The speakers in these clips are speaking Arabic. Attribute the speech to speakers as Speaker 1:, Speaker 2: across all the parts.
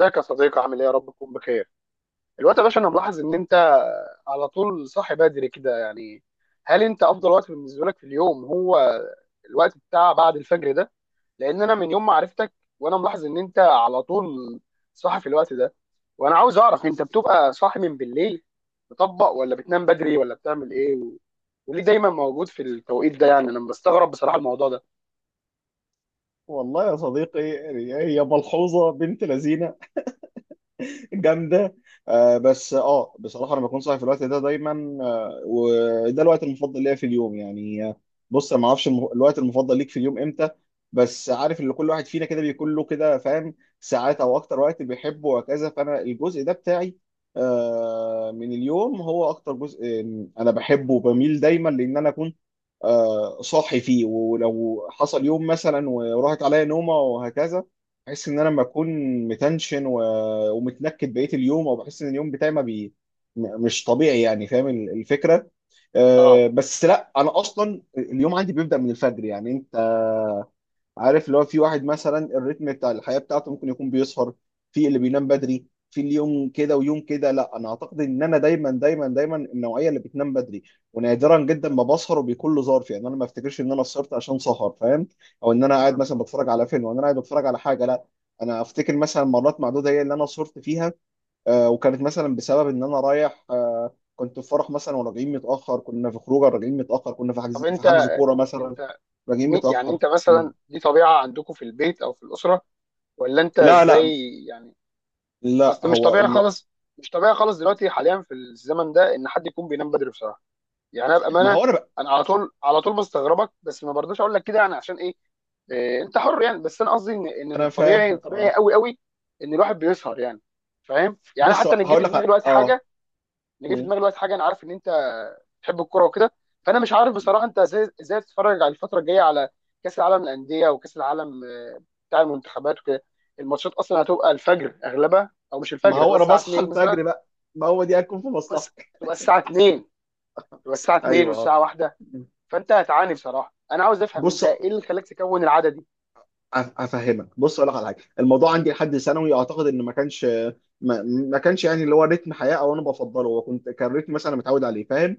Speaker 1: ازيك يا صديقي، عامل ايه؟ يا رب تكون بخير. الوقت يا باشا، انا ملاحظ ان انت على طول صاحي بدري كده يعني. هل انت افضل وقت بالنسبه لك في اليوم هو الوقت بتاع بعد الفجر ده؟ لان انا من يوم ما عرفتك وانا ملاحظ ان انت على طول صاحي في الوقت ده، وانا عاوز اعرف، انت بتبقى صاحي من بالليل تطبق، ولا بتنام بدري، ولا بتعمل ايه، وليه دايما موجود في التوقيت ده؟ يعني انا بستغرب بصراحه الموضوع ده.
Speaker 2: والله يا صديقي، هي ملحوظة بنت لذينة جامدة. بس بصراحة أنا بكون صاحي في الوقت ده دايما. وده الوقت المفضل ليا في اليوم يعني. بص أنا ما أعرفش الوقت المفضل ليك في اليوم إمتى؟ بس عارف إن كل واحد فينا كده بيكون له كده، فاهم، ساعات أو أكتر وقت بيحبه وهكذا. فأنا الجزء ده بتاعي من اليوم هو أكتر جزء أنا بحبه وبميل دايما، لأن أنا أكون صاحي فيه. ولو حصل يوم مثلا وراحت عليا نومه وهكذا، بحس ان انا لما اكون متنشن ومتنكد بقيه اليوم، او بحس ان اليوم بتاعي ما بي م- مش طبيعي، يعني فاهم الفكره.
Speaker 1: اه.
Speaker 2: بس لا، انا اصلا اليوم عندي بيبدا من الفجر، يعني انت عارف اللي هو في واحد مثلا الريتم بتاع الحياة بتاعته ممكن يكون بيسهر، في اللي بينام بدري، في اليوم كده ويوم كده. لا، انا اعتقد ان انا دايما دايما دايما النوعية اللي بتنام بدري، ونادرا جدا ما بسهر، وبيكون له ظرف، يعني انا ما افتكرش ان انا سهرت عشان سهر، فاهم، او ان انا قاعد
Speaker 1: مم.
Speaker 2: مثلا بتفرج على فيلم، او ان انا قاعد بتفرج على حاجة، لا. انا افتكر مثلا مرات معدودة هي اللي انا سهرت فيها، وكانت مثلا بسبب ان انا رايح، كنت في فرح مثلا وراجعين متأخر، كنا في خروجه راجعين متأخر، كنا في
Speaker 1: طب
Speaker 2: حجز في
Speaker 1: انت
Speaker 2: حجز كورة مثلا،
Speaker 1: انت
Speaker 2: راجعين
Speaker 1: مي- يعني
Speaker 2: متأخر.
Speaker 1: انت
Speaker 2: مم.
Speaker 1: مثلا دي طبيعه عندكم في البيت او في الاسره، ولا انت
Speaker 2: لا، لا،
Speaker 1: ازاي يعني؟
Speaker 2: لا.
Speaker 1: اصل مش طبيعي خالص، مش طبيعي خالص دلوقتي حاليا في الزمن ده ان حد يكون بينام بدري بصراحه. يعني انا
Speaker 2: ما
Speaker 1: بامانه،
Speaker 2: هو انا ب...
Speaker 1: انا على طول على طول بستغربك، بس ما برضاش اقول لك كده، يعني عشان ايه؟ إيه، انت حر يعني. بس انا قصدي ان من
Speaker 2: انا
Speaker 1: الطبيعي،
Speaker 2: فاهم.
Speaker 1: طبيعي قوي قوي ان الواحد بيسهر يعني، فاهم؟ يعني
Speaker 2: بص
Speaker 1: حتى انا جه
Speaker 2: هقول
Speaker 1: في
Speaker 2: لك
Speaker 1: دماغي دلوقتي حاجه. انا جاي في
Speaker 2: مم.
Speaker 1: دماغي دلوقتي حاجه، انا عارف ان انت بتحب الكوره وكده، فانا مش عارف بصراحه انت ازاي بتتفرج على الفتره الجايه، على كاس العالم للانديه وكاس العالم بتاع المنتخبات وكده. الماتشات اصلا هتبقى الفجر اغلبها، او مش
Speaker 2: ما
Speaker 1: الفجر، هتبقى
Speaker 2: هو انا
Speaker 1: الساعه
Speaker 2: بصحى
Speaker 1: 2 مثلا،
Speaker 2: الفجر بقى. ما هو دي هتكون في
Speaker 1: بس
Speaker 2: مصلحتك.
Speaker 1: تبقى الساعه 2، تبقى الساعه 2
Speaker 2: ايوه.
Speaker 1: والساعه 1. فانت هتعاني بصراحه. انا عاوز افهم انت
Speaker 2: بص،
Speaker 1: ايه اللي خلاك تكون العاده دي.
Speaker 2: افهمك. بص اقول لك على حاجه. الموضوع عندي لحد ثانوي، اعتقد ان ما كانش، ما كانش يعني اللي هو رتم حياه او انا بفضله، وكنت كان رتم مثلا أنا متعود عليه، فاهم،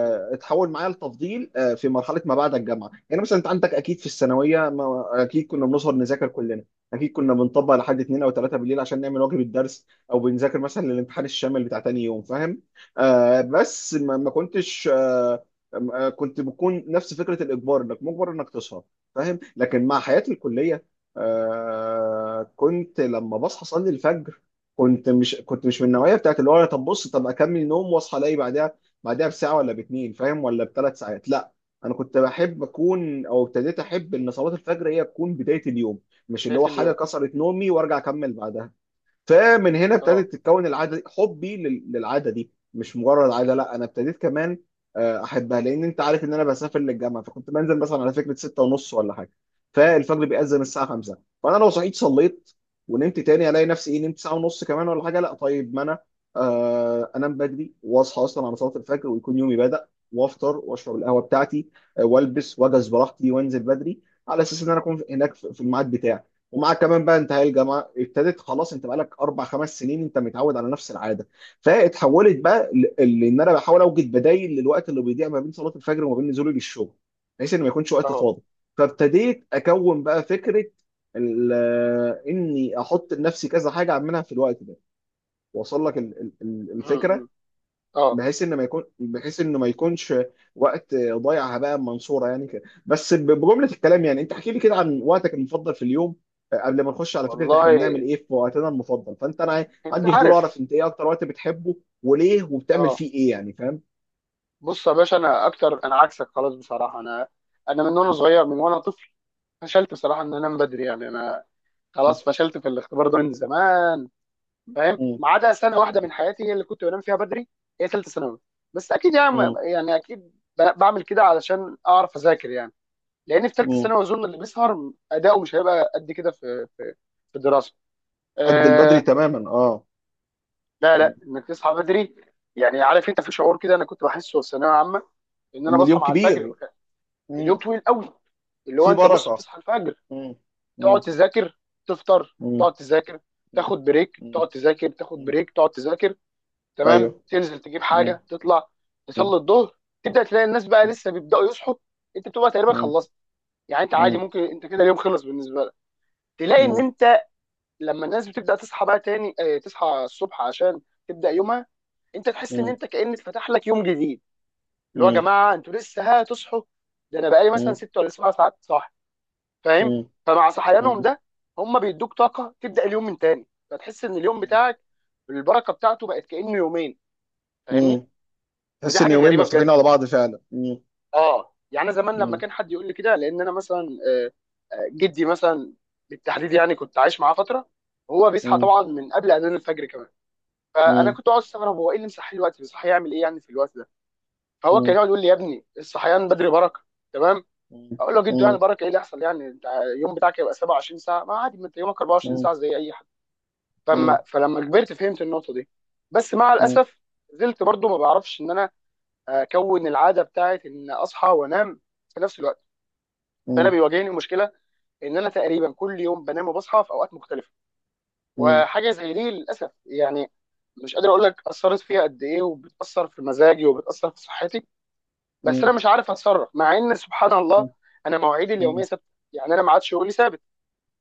Speaker 1: مم.
Speaker 2: اتحول معايا لتفضيل في مرحله ما بعد الجامعه. يعني مثلا انت عندك اكيد في الثانويه، ما اكيد كنا بنسهر نذاكر كلنا. اكيد كنا بنطبق لحد 2 او 3 بالليل عشان نعمل واجب الدرس، او بنذاكر مثلا للامتحان الشامل بتاع تاني يوم، فاهم. بس ما كنتش، كنت بكون نفس فكره الاجبار، انك مجبر انك تسهر، فاهم. لكن مع حياتي الكليه، كنت لما بصحى اصلي الفجر، كنت مش من النوعيه بتاعت اللي هو أنا، طب بص، طب اكمل نوم واصحى الاقي بعدها، بساعه ولا باتنين، فاهم، ولا بثلاث ساعات، لا. انا كنت بحب اكون او ابتديت احب ان صلاه الفجر هي تكون بدايه اليوم، مش اللي
Speaker 1: بدايه
Speaker 2: هو حاجه
Speaker 1: اليوم.
Speaker 2: كسرت نومي وارجع اكمل بعدها. فمن هنا
Speaker 1: اه.
Speaker 2: ابتدت تتكون العاده دي، حبي للعاده دي مش مجرد عاده، لا انا ابتديت كمان احبها، لان انت عارف ان انا بسافر للجامعه، فكنت بنزل مثلا على فكره 6 ونص ولا حاجه، فالفجر بيأذن الساعه 5. فانا لو صحيت صليت ونمت تاني، الاقي نفسي ايه، نمت ساعه ونص كمان ولا حاجه، لا طيب ما انا انام بدري واصحى اصلا على صلاه الفجر ويكون يومي بدأ، وافطر واشرب القهوه بتاعتي، والبس واجهز براحتي وانزل بدري، على اساس ان انا اكون هناك في الميعاد بتاعي. ومعاك كمان بقى انتهاء الجامعه ابتدت، خلاص انت بقالك اربع خمس سنين انت متعود على نفس العاده. فاتحولت بقى، لان انا بحاول اوجد بدايل للوقت اللي بيضيع ما بين صلاه الفجر وما بين نزولي للشغل، بحيث ان ما يكونش وقت
Speaker 1: اه.
Speaker 2: فاضي. فابتديت اكون بقى فكره ال- اني احط لنفسي كذا حاجه اعملها في الوقت ده، واصل لك
Speaker 1: مم، مم.
Speaker 2: الفكره،
Speaker 1: اه.
Speaker 2: بحيث انه ما يكونش وقت ضايع هباء منصوره، يعني كده بس، بجمله الكلام. يعني انت احكي لي كده عن وقتك المفضل في اليوم. قبل ما نخش على فكره احنا
Speaker 1: والله
Speaker 2: بنعمل ايه في وقتنا المفضل، فانت انا
Speaker 1: انت
Speaker 2: عندي فضول اعرف
Speaker 1: عارف.
Speaker 2: انت ايه اكتر وقت بتحبه، وليه، وبتعمل
Speaker 1: اه
Speaker 2: فيه ايه، يعني فاهم.
Speaker 1: بص يا باشا، انا اكتر انا عكسك خلاص بصراحه. انا من وانا
Speaker 2: م-
Speaker 1: صغير، من وانا طفل، فشلت بصراحه ان انا انام بدري. يعني انا خلاص فشلت في الاختبار ده من زمان، فاهم؟
Speaker 2: م-
Speaker 1: ما عدا سنه واحده
Speaker 2: م-
Speaker 1: من حياتي هي اللي كنت بنام فيها بدري، هي ثالثه ثانوي. بس اكيد يعني.
Speaker 2: م-
Speaker 1: يعني اكيد بعمل كده علشان اعرف اذاكر يعني. لان في ثالثه
Speaker 2: م-
Speaker 1: ثانوي اظن اللي بيسهر اداؤه مش هيبقى قد كده في في الدراسه.
Speaker 2: قد البدري
Speaker 1: أه.
Speaker 2: تماما. اه
Speaker 1: لا
Speaker 2: م.
Speaker 1: لا، انك تصحى بدري، يعني عارف انت في شعور كده انا كنت بحسه في ثانويه عامه، ان انا
Speaker 2: ان
Speaker 1: بصحى
Speaker 2: اليوم
Speaker 1: مع الفجر،
Speaker 2: كبير. م.
Speaker 1: اليوم طويل قوي. اللي هو
Speaker 2: في
Speaker 1: انت بص
Speaker 2: بركه.
Speaker 1: بتصحى الفجر،
Speaker 2: م.
Speaker 1: تقعد
Speaker 2: م.
Speaker 1: تذاكر، تفطر،
Speaker 2: م.
Speaker 1: تقعد تذاكر،
Speaker 2: م.
Speaker 1: تاخد بريك،
Speaker 2: م.
Speaker 1: تقعد تذاكر، تاخد بريك، تقعد تذاكر، تمام،
Speaker 2: ايوه.
Speaker 1: تنزل تجيب
Speaker 2: م.
Speaker 1: حاجه، تطلع تصلي الظهر، تبدا تلاقي الناس بقى لسه بيبداوا يصحوا. انت بتبقى تقريبا
Speaker 2: م.
Speaker 1: خلصت. يعني انت عادي،
Speaker 2: مم.
Speaker 1: ممكن انت كده اليوم خلص بالنسبه لك. تلاقي ان
Speaker 2: مم.
Speaker 1: انت لما الناس بتبدا تصحى بقى تاني، اه تصحى الصبح عشان تبدا يومها، انت تحس ان
Speaker 2: مم.
Speaker 1: انت كان اتفتح لك يوم جديد، اللي هو يا
Speaker 2: مم.
Speaker 1: جماعه انتوا لسه هتصحوا، ده انا بقالي مثلا
Speaker 2: مم.
Speaker 1: 6 ولا 7 ساعات صاحي، فاهم؟
Speaker 2: مم.
Speaker 1: فمع صحيانهم
Speaker 2: مم.
Speaker 1: ده، هم بيدوك طاقه تبدا اليوم من تاني، فتحس ان اليوم بتاعك البركه بتاعته بقت كانه يومين، فاهمني؟
Speaker 2: مم.
Speaker 1: ودي
Speaker 2: تحس ان
Speaker 1: حاجه
Speaker 2: يومين
Speaker 1: غريبه
Speaker 2: مفتوحين
Speaker 1: بجد.
Speaker 2: على بعض فعلا. مم.
Speaker 1: اه يعني أنا زمان لما
Speaker 2: مم.
Speaker 1: كان حد يقول لي كده، لان انا مثلا، آه، جدي مثلا بالتحديد، يعني كنت عايش معاه فتره، هو بيصحى
Speaker 2: مم.
Speaker 1: طبعا من قبل اذان الفجر كمان، فانا
Speaker 2: مم.
Speaker 1: كنت اقعد استغرب، هو ايه اللي مصحيه الوقت؟ بيصحى يعمل ايه يعني في الوقت ده؟ فهو كان
Speaker 2: مم.
Speaker 1: يقعد يقول لي يا ابني، الصحيان بدري بركه. تمام. اقول له جدو يعني
Speaker 2: مم.
Speaker 1: بركه ايه اللي يحصل؟ يعني انت اليوم بتاعك يبقى 27 ساعه؟ ما عادي، ما انت يومك 24
Speaker 2: مم.
Speaker 1: ساعه زي اي حد. فلما
Speaker 2: مم.
Speaker 1: فلما كبرت فهمت النقطه دي. بس مع الاسف، زلت برضو ما بعرفش ان انا اكون العاده بتاعت ان اصحى وانام في نفس الوقت، فانا بيواجهني مشكله ان انا تقريبا كل يوم بنام وبصحى في اوقات مختلفه،
Speaker 2: مم.
Speaker 1: وحاجه زي دي للاسف يعني، مش قادر اقول لك اثرت فيها قد ايه، وبتاثر في مزاجي وبتاثر في صحتي. بس
Speaker 2: مم.
Speaker 1: انا مش عارف اتصرف، مع ان سبحان الله انا مواعيدي اليوميه
Speaker 2: مم.
Speaker 1: ثابته. يعني انا ما عادش شغلي ثابت،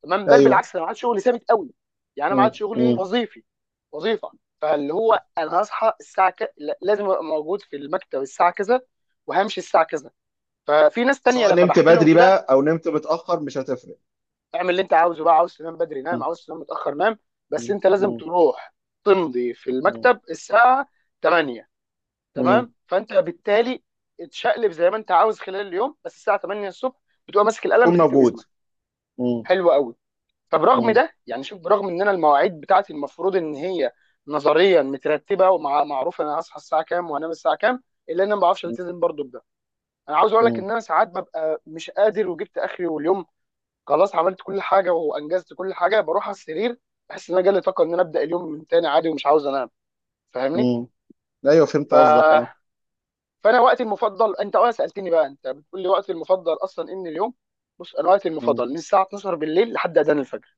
Speaker 1: تمام، بل
Speaker 2: ايوه.
Speaker 1: بالعكس انا معاد شغلي ثابت قوي. يعني انا
Speaker 2: مم.
Speaker 1: معاد شغلي
Speaker 2: مم.
Speaker 1: وظيفي، وظيفه. فاللي هو انا هصحى الساعه لازم ابقى موجود في المكتب الساعه كذا، وهمشي الساعه كذا. ففي ناس تانية
Speaker 2: سواء
Speaker 1: لما
Speaker 2: نمت
Speaker 1: بحكي لهم
Speaker 2: بدري
Speaker 1: كده،
Speaker 2: بقى او نمت متاخر مش هتفرق.
Speaker 1: اعمل اللي انت عاوزه بقى، عاوز تنام بدري نام،
Speaker 2: مم.
Speaker 1: عاوز تنام متاخر نام، بس
Speaker 2: مم.
Speaker 1: انت لازم تروح تمضي في
Speaker 2: مم.
Speaker 1: المكتب الساعه 8.
Speaker 2: مم.
Speaker 1: تمام. فانت بالتالي اتشقلب زي ما انت عاوز خلال اليوم، بس الساعه 8 الصبح بتبقى ماسك القلم
Speaker 2: تكون
Speaker 1: بتكتب
Speaker 2: موجود.
Speaker 1: اسمك.
Speaker 2: مم.
Speaker 1: حلو قوي. فبرغم
Speaker 2: مم.
Speaker 1: ده يعني شوف، برغم ان انا المواعيد بتاعتي المفروض ان هي نظريا مترتبه ومعروف انا هصحى الساعه كام وانام الساعه كام، الا ان انا ما بعرفش التزم برضه بده. انا عاوز اقول لك
Speaker 2: مم.
Speaker 1: ان انا ساعات ببقى مش قادر، وجبت اخري واليوم خلاص عملت كل حاجه وانجزت كل حاجه، بروح على السرير، بحس ان انا جالي طاقه ان انا ابدا اليوم من تاني عادي، ومش عاوز انام، فاهمني؟
Speaker 2: مم. ايوه
Speaker 1: ف...
Speaker 2: فهمت قصدك. اه
Speaker 1: فانا وقتي المفضل، انت اه سالتني بقى، انت بتقول لي وقتي المفضل اصلا ان اليوم، بص انا وقتي
Speaker 2: مم.
Speaker 1: المفضل من الساعه 12 بالليل لحد اذان الفجر.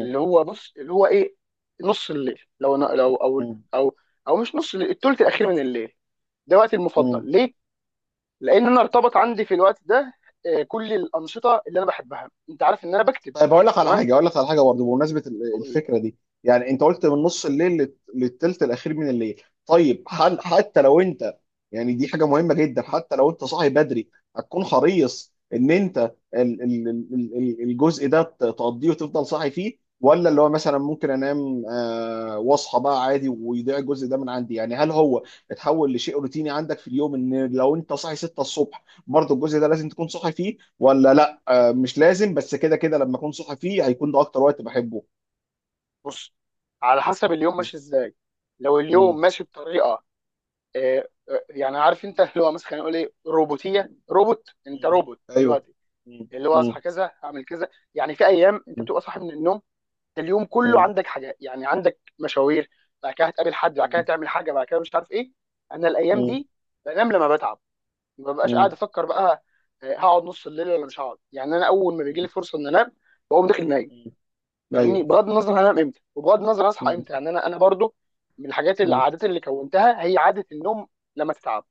Speaker 1: اللي هو بص اللي هو ايه، نص الليل، لو أنا لو او
Speaker 2: مم.
Speaker 1: او او مش نص الليل، الثلث الاخير من الليل. ده وقتي
Speaker 2: مم.
Speaker 1: المفضل. ليه؟ لان انا ارتبط عندي في الوقت ده كل الانشطه اللي انا بحبها. انت عارف ان انا بكتب،
Speaker 2: طيب اقول لك على
Speaker 1: تمام؟
Speaker 2: حاجه، برضه بمناسبه
Speaker 1: بقول لك،
Speaker 2: الفكره دي. يعني انت قلت من نص الليل للتلت الاخير من الليل. طيب، هل حتى لو انت، يعني دي حاجه مهمه جدا، حتى لو انت صاحي بدري هتكون حريص ان انت ال ال ال ال الجزء ده تقضيه وتفضل صاحي فيه، ولا اللي هو مثلا ممكن انام واصحى بقى عادي ويضيع الجزء ده من عندي؟ يعني هل هو اتحول لشيء روتيني عندك في اليوم ان لو انت صاحي 6 الصبح برضه الجزء ده لازم تكون صاحي فيه ولا لا؟ مش لازم، بس كده كده لما اكون صاحي فيه هيكون ده اكتر وقت بحبه.
Speaker 1: بص، على حسب اليوم ماشي ازاي. لو اليوم
Speaker 2: مم.
Speaker 1: ماشي بطريقه يعني عارف انت، اللي هو مثلا نقول ايه، روبوتيه، روبوت، انت
Speaker 2: مم.
Speaker 1: روبوت
Speaker 2: ايوه.
Speaker 1: دلوقتي،
Speaker 2: مم.
Speaker 1: اللي هو
Speaker 2: مم.
Speaker 1: اصحى كذا اعمل كذا. يعني في ايام انت
Speaker 2: مم.
Speaker 1: بتبقى صاحي من النوم، اليوم كله
Speaker 2: مم.
Speaker 1: عندك حاجات، يعني عندك مشاوير، بعد كده هتقابل حد، بعد كده تعمل حاجه، بعد كده مش عارف ايه. انا الايام
Speaker 2: مم.
Speaker 1: دي بنام لما بتعب. ما ببقاش قاعد
Speaker 2: مم.
Speaker 1: افكر بقى هقعد نص الليل ولا مش هقعد. يعني انا اول ما بيجي لي
Speaker 2: مم.
Speaker 1: فرصه ان انام، بقوم داخل نايم،
Speaker 2: مم. ايوه.
Speaker 1: فاهمني؟ بغض النظر هنام امتى وبغض النظر اصحى
Speaker 2: مم.
Speaker 1: امتى، يعني انا برضو من الحاجات، اللي
Speaker 2: مم.
Speaker 1: العادات اللي كونتها هي عاده النوم لما تتعب،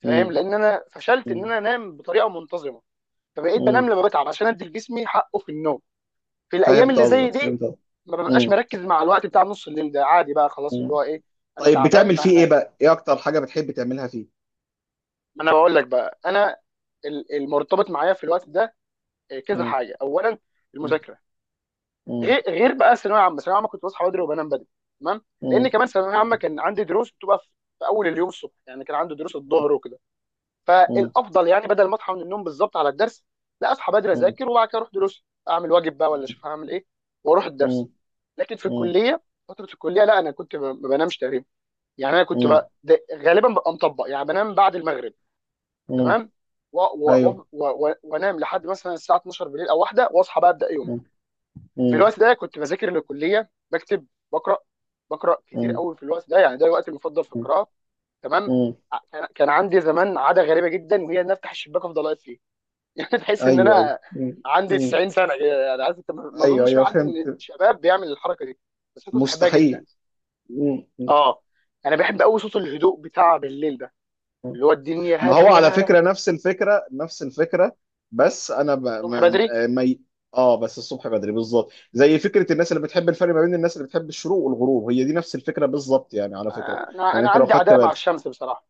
Speaker 1: فاهم؟
Speaker 2: مم.
Speaker 1: لان انا فشلت ان
Speaker 2: مم.
Speaker 1: انا انام بطريقه منتظمه، فبقيت بنام
Speaker 2: مم.
Speaker 1: لما بتعب عشان ادي لجسمي حقه في النوم. في الايام
Speaker 2: فهمت
Speaker 1: اللي زي
Speaker 2: قصدك
Speaker 1: دي
Speaker 2: فهمت قصدك.
Speaker 1: ما ببقاش
Speaker 2: مم.
Speaker 1: مركز مع الوقت بتاع نص الليل ده، عادي بقى خلاص، اللي
Speaker 2: مم.
Speaker 1: هو ايه، انا
Speaker 2: طيب
Speaker 1: تعبان
Speaker 2: بتعمل فيه ايه
Speaker 1: فهنام.
Speaker 2: بقى؟ ايه اكتر حاجة بتحب تعملها فيه؟
Speaker 1: ما انا بقول لك بقى انا، المرتبط معايا في الوقت ده كذا
Speaker 2: مم.
Speaker 1: حاجه. اولا،
Speaker 2: مم.
Speaker 1: المذاكره.
Speaker 2: مم.
Speaker 1: غير بقى الثانويه عامه، الثانويه عامه كنت بصحى بدري وبنام بدري، تمام. لان
Speaker 2: مم.
Speaker 1: كمان الثانويه عامه
Speaker 2: مم.
Speaker 1: كان عندي دروس بتبقى في اول اليوم، الصبح يعني. كان عندي دروس الظهر وكده،
Speaker 2: مم.
Speaker 1: فالافضل يعني بدل ما اصحى من النوم بالظبط على الدرس، لا اصحى بدري
Speaker 2: مم.
Speaker 1: اذاكر وبعد كده اروح دروس، اعمل واجب بقى، ولا اشوف هعمل ايه واروح الدرس.
Speaker 2: مم.
Speaker 1: لكن في
Speaker 2: مم.
Speaker 1: الكليه، فتره الكليه لا، انا كنت ما بنامش تقريبا. يعني انا كنت
Speaker 2: مم.
Speaker 1: بقى غالبا ببقى مطبق يعني، بنام بعد المغرب،
Speaker 2: مم.
Speaker 1: تمام،
Speaker 2: ايوه.
Speaker 1: وانام لحد مثلا الساعه 12 بالليل او واحده، واصحى بقى ابدا يوم.
Speaker 2: مم.
Speaker 1: في
Speaker 2: مم.
Speaker 1: الوقت ده كنت بذاكر للكليه، بكتب، بقرا بقرا كتير
Speaker 2: مم.
Speaker 1: قوي في الوقت ده. يعني ده الوقت المفضل في القراءه، تمام.
Speaker 2: مم.
Speaker 1: كان عندي زمان عاده غريبه جدا، وهي ان افتح الشباك افضل اقرا. يعني تحس ان
Speaker 2: ايوه ايوه.
Speaker 1: انا
Speaker 2: مم.
Speaker 1: عندي
Speaker 2: مم.
Speaker 1: 90 سنه كده، يعني عارف انت، ما
Speaker 2: ايوه
Speaker 1: اظنش في
Speaker 2: ايوه
Speaker 1: حد من
Speaker 2: فهمت.
Speaker 1: الشباب بيعمل الحركه دي، بس انا كنت بحبها
Speaker 2: مستحيل.
Speaker 1: جدا.
Speaker 2: مم. مم.
Speaker 1: اه. انا بحب قوي صوت الهدوء بتاع بالليل ده،
Speaker 2: مم.
Speaker 1: اللي هو الدنيا
Speaker 2: ما هو على
Speaker 1: هاديه
Speaker 2: فكره نفس الفكره نفس الفكره. بس انا ب...
Speaker 1: الصبح
Speaker 2: ما...
Speaker 1: بدري.
Speaker 2: ما... ي- اه بس الصبح بدري بالظبط زي فكره الناس اللي بتحب، الفرق ما بين الناس اللي بتحب الشروق والغروب هي دي نفس الفكره بالظبط يعني، على فكره.
Speaker 1: انا
Speaker 2: يعني
Speaker 1: انا
Speaker 2: انت لو
Speaker 1: عندي
Speaker 2: خدت
Speaker 1: عداء مع
Speaker 2: بالك.
Speaker 1: الشمس بصراحه، ما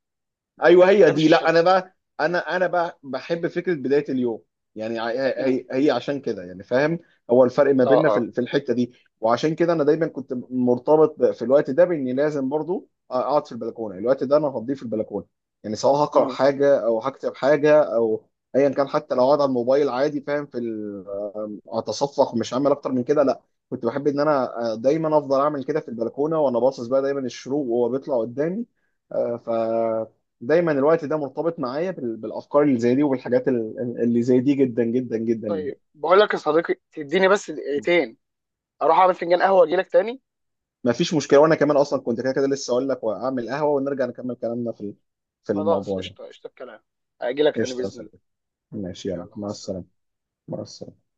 Speaker 2: ايوه هي
Speaker 1: بحبش
Speaker 2: دي. لا انا
Speaker 1: الشمس.
Speaker 2: بقى، انا بقى بحب فكره بدايه اليوم. يعني
Speaker 1: امم.
Speaker 2: هي هي عشان كده، يعني فاهم، هو الفرق ما
Speaker 1: اه.
Speaker 2: بيننا في
Speaker 1: اه.
Speaker 2: في الحته دي. وعشان كده انا دايما كنت مرتبط في الوقت ده باني لازم برضو اقعد في البلكونه، الوقت ده انا هقضيه في البلكونه، يعني سواء هقرا
Speaker 1: امم.
Speaker 2: حاجه او هكتب حاجه، او ايا كان، حتى لو اقعد على الموبايل عادي، فاهم، في اتصفق مش هعمل اكتر من كده، لا. كنت بحب ان انا دايما افضل اعمل كده في البلكونه، وانا باصص بقى دايما الشروق وهو بيطلع قدامي، آه، ف دايما الوقت ده مرتبط معايا بالافكار اللي زي دي، وبالحاجات اللي زي دي، جدا جدا جدا يعني.
Speaker 1: طيب بقول لك يا صديقي، تديني بس دقيقتين، اروح اعمل فنجان قهوه واجي لك تاني.
Speaker 2: ما فيش مشكله، وانا كمان اصلا كنت كده كده لسه اقول لك واعمل قهوه، ونرجع نكمل كلامنا في في
Speaker 1: خلاص،
Speaker 2: الموضوع ده.
Speaker 1: قشطه، قشطه الكلام. اجي لك تاني
Speaker 2: قشطه يا
Speaker 1: باذن الله.
Speaker 2: صديقي، ماشي يلا،
Speaker 1: يلا مع
Speaker 2: مع السلامه.
Speaker 1: السلامه.
Speaker 2: مع السلامه.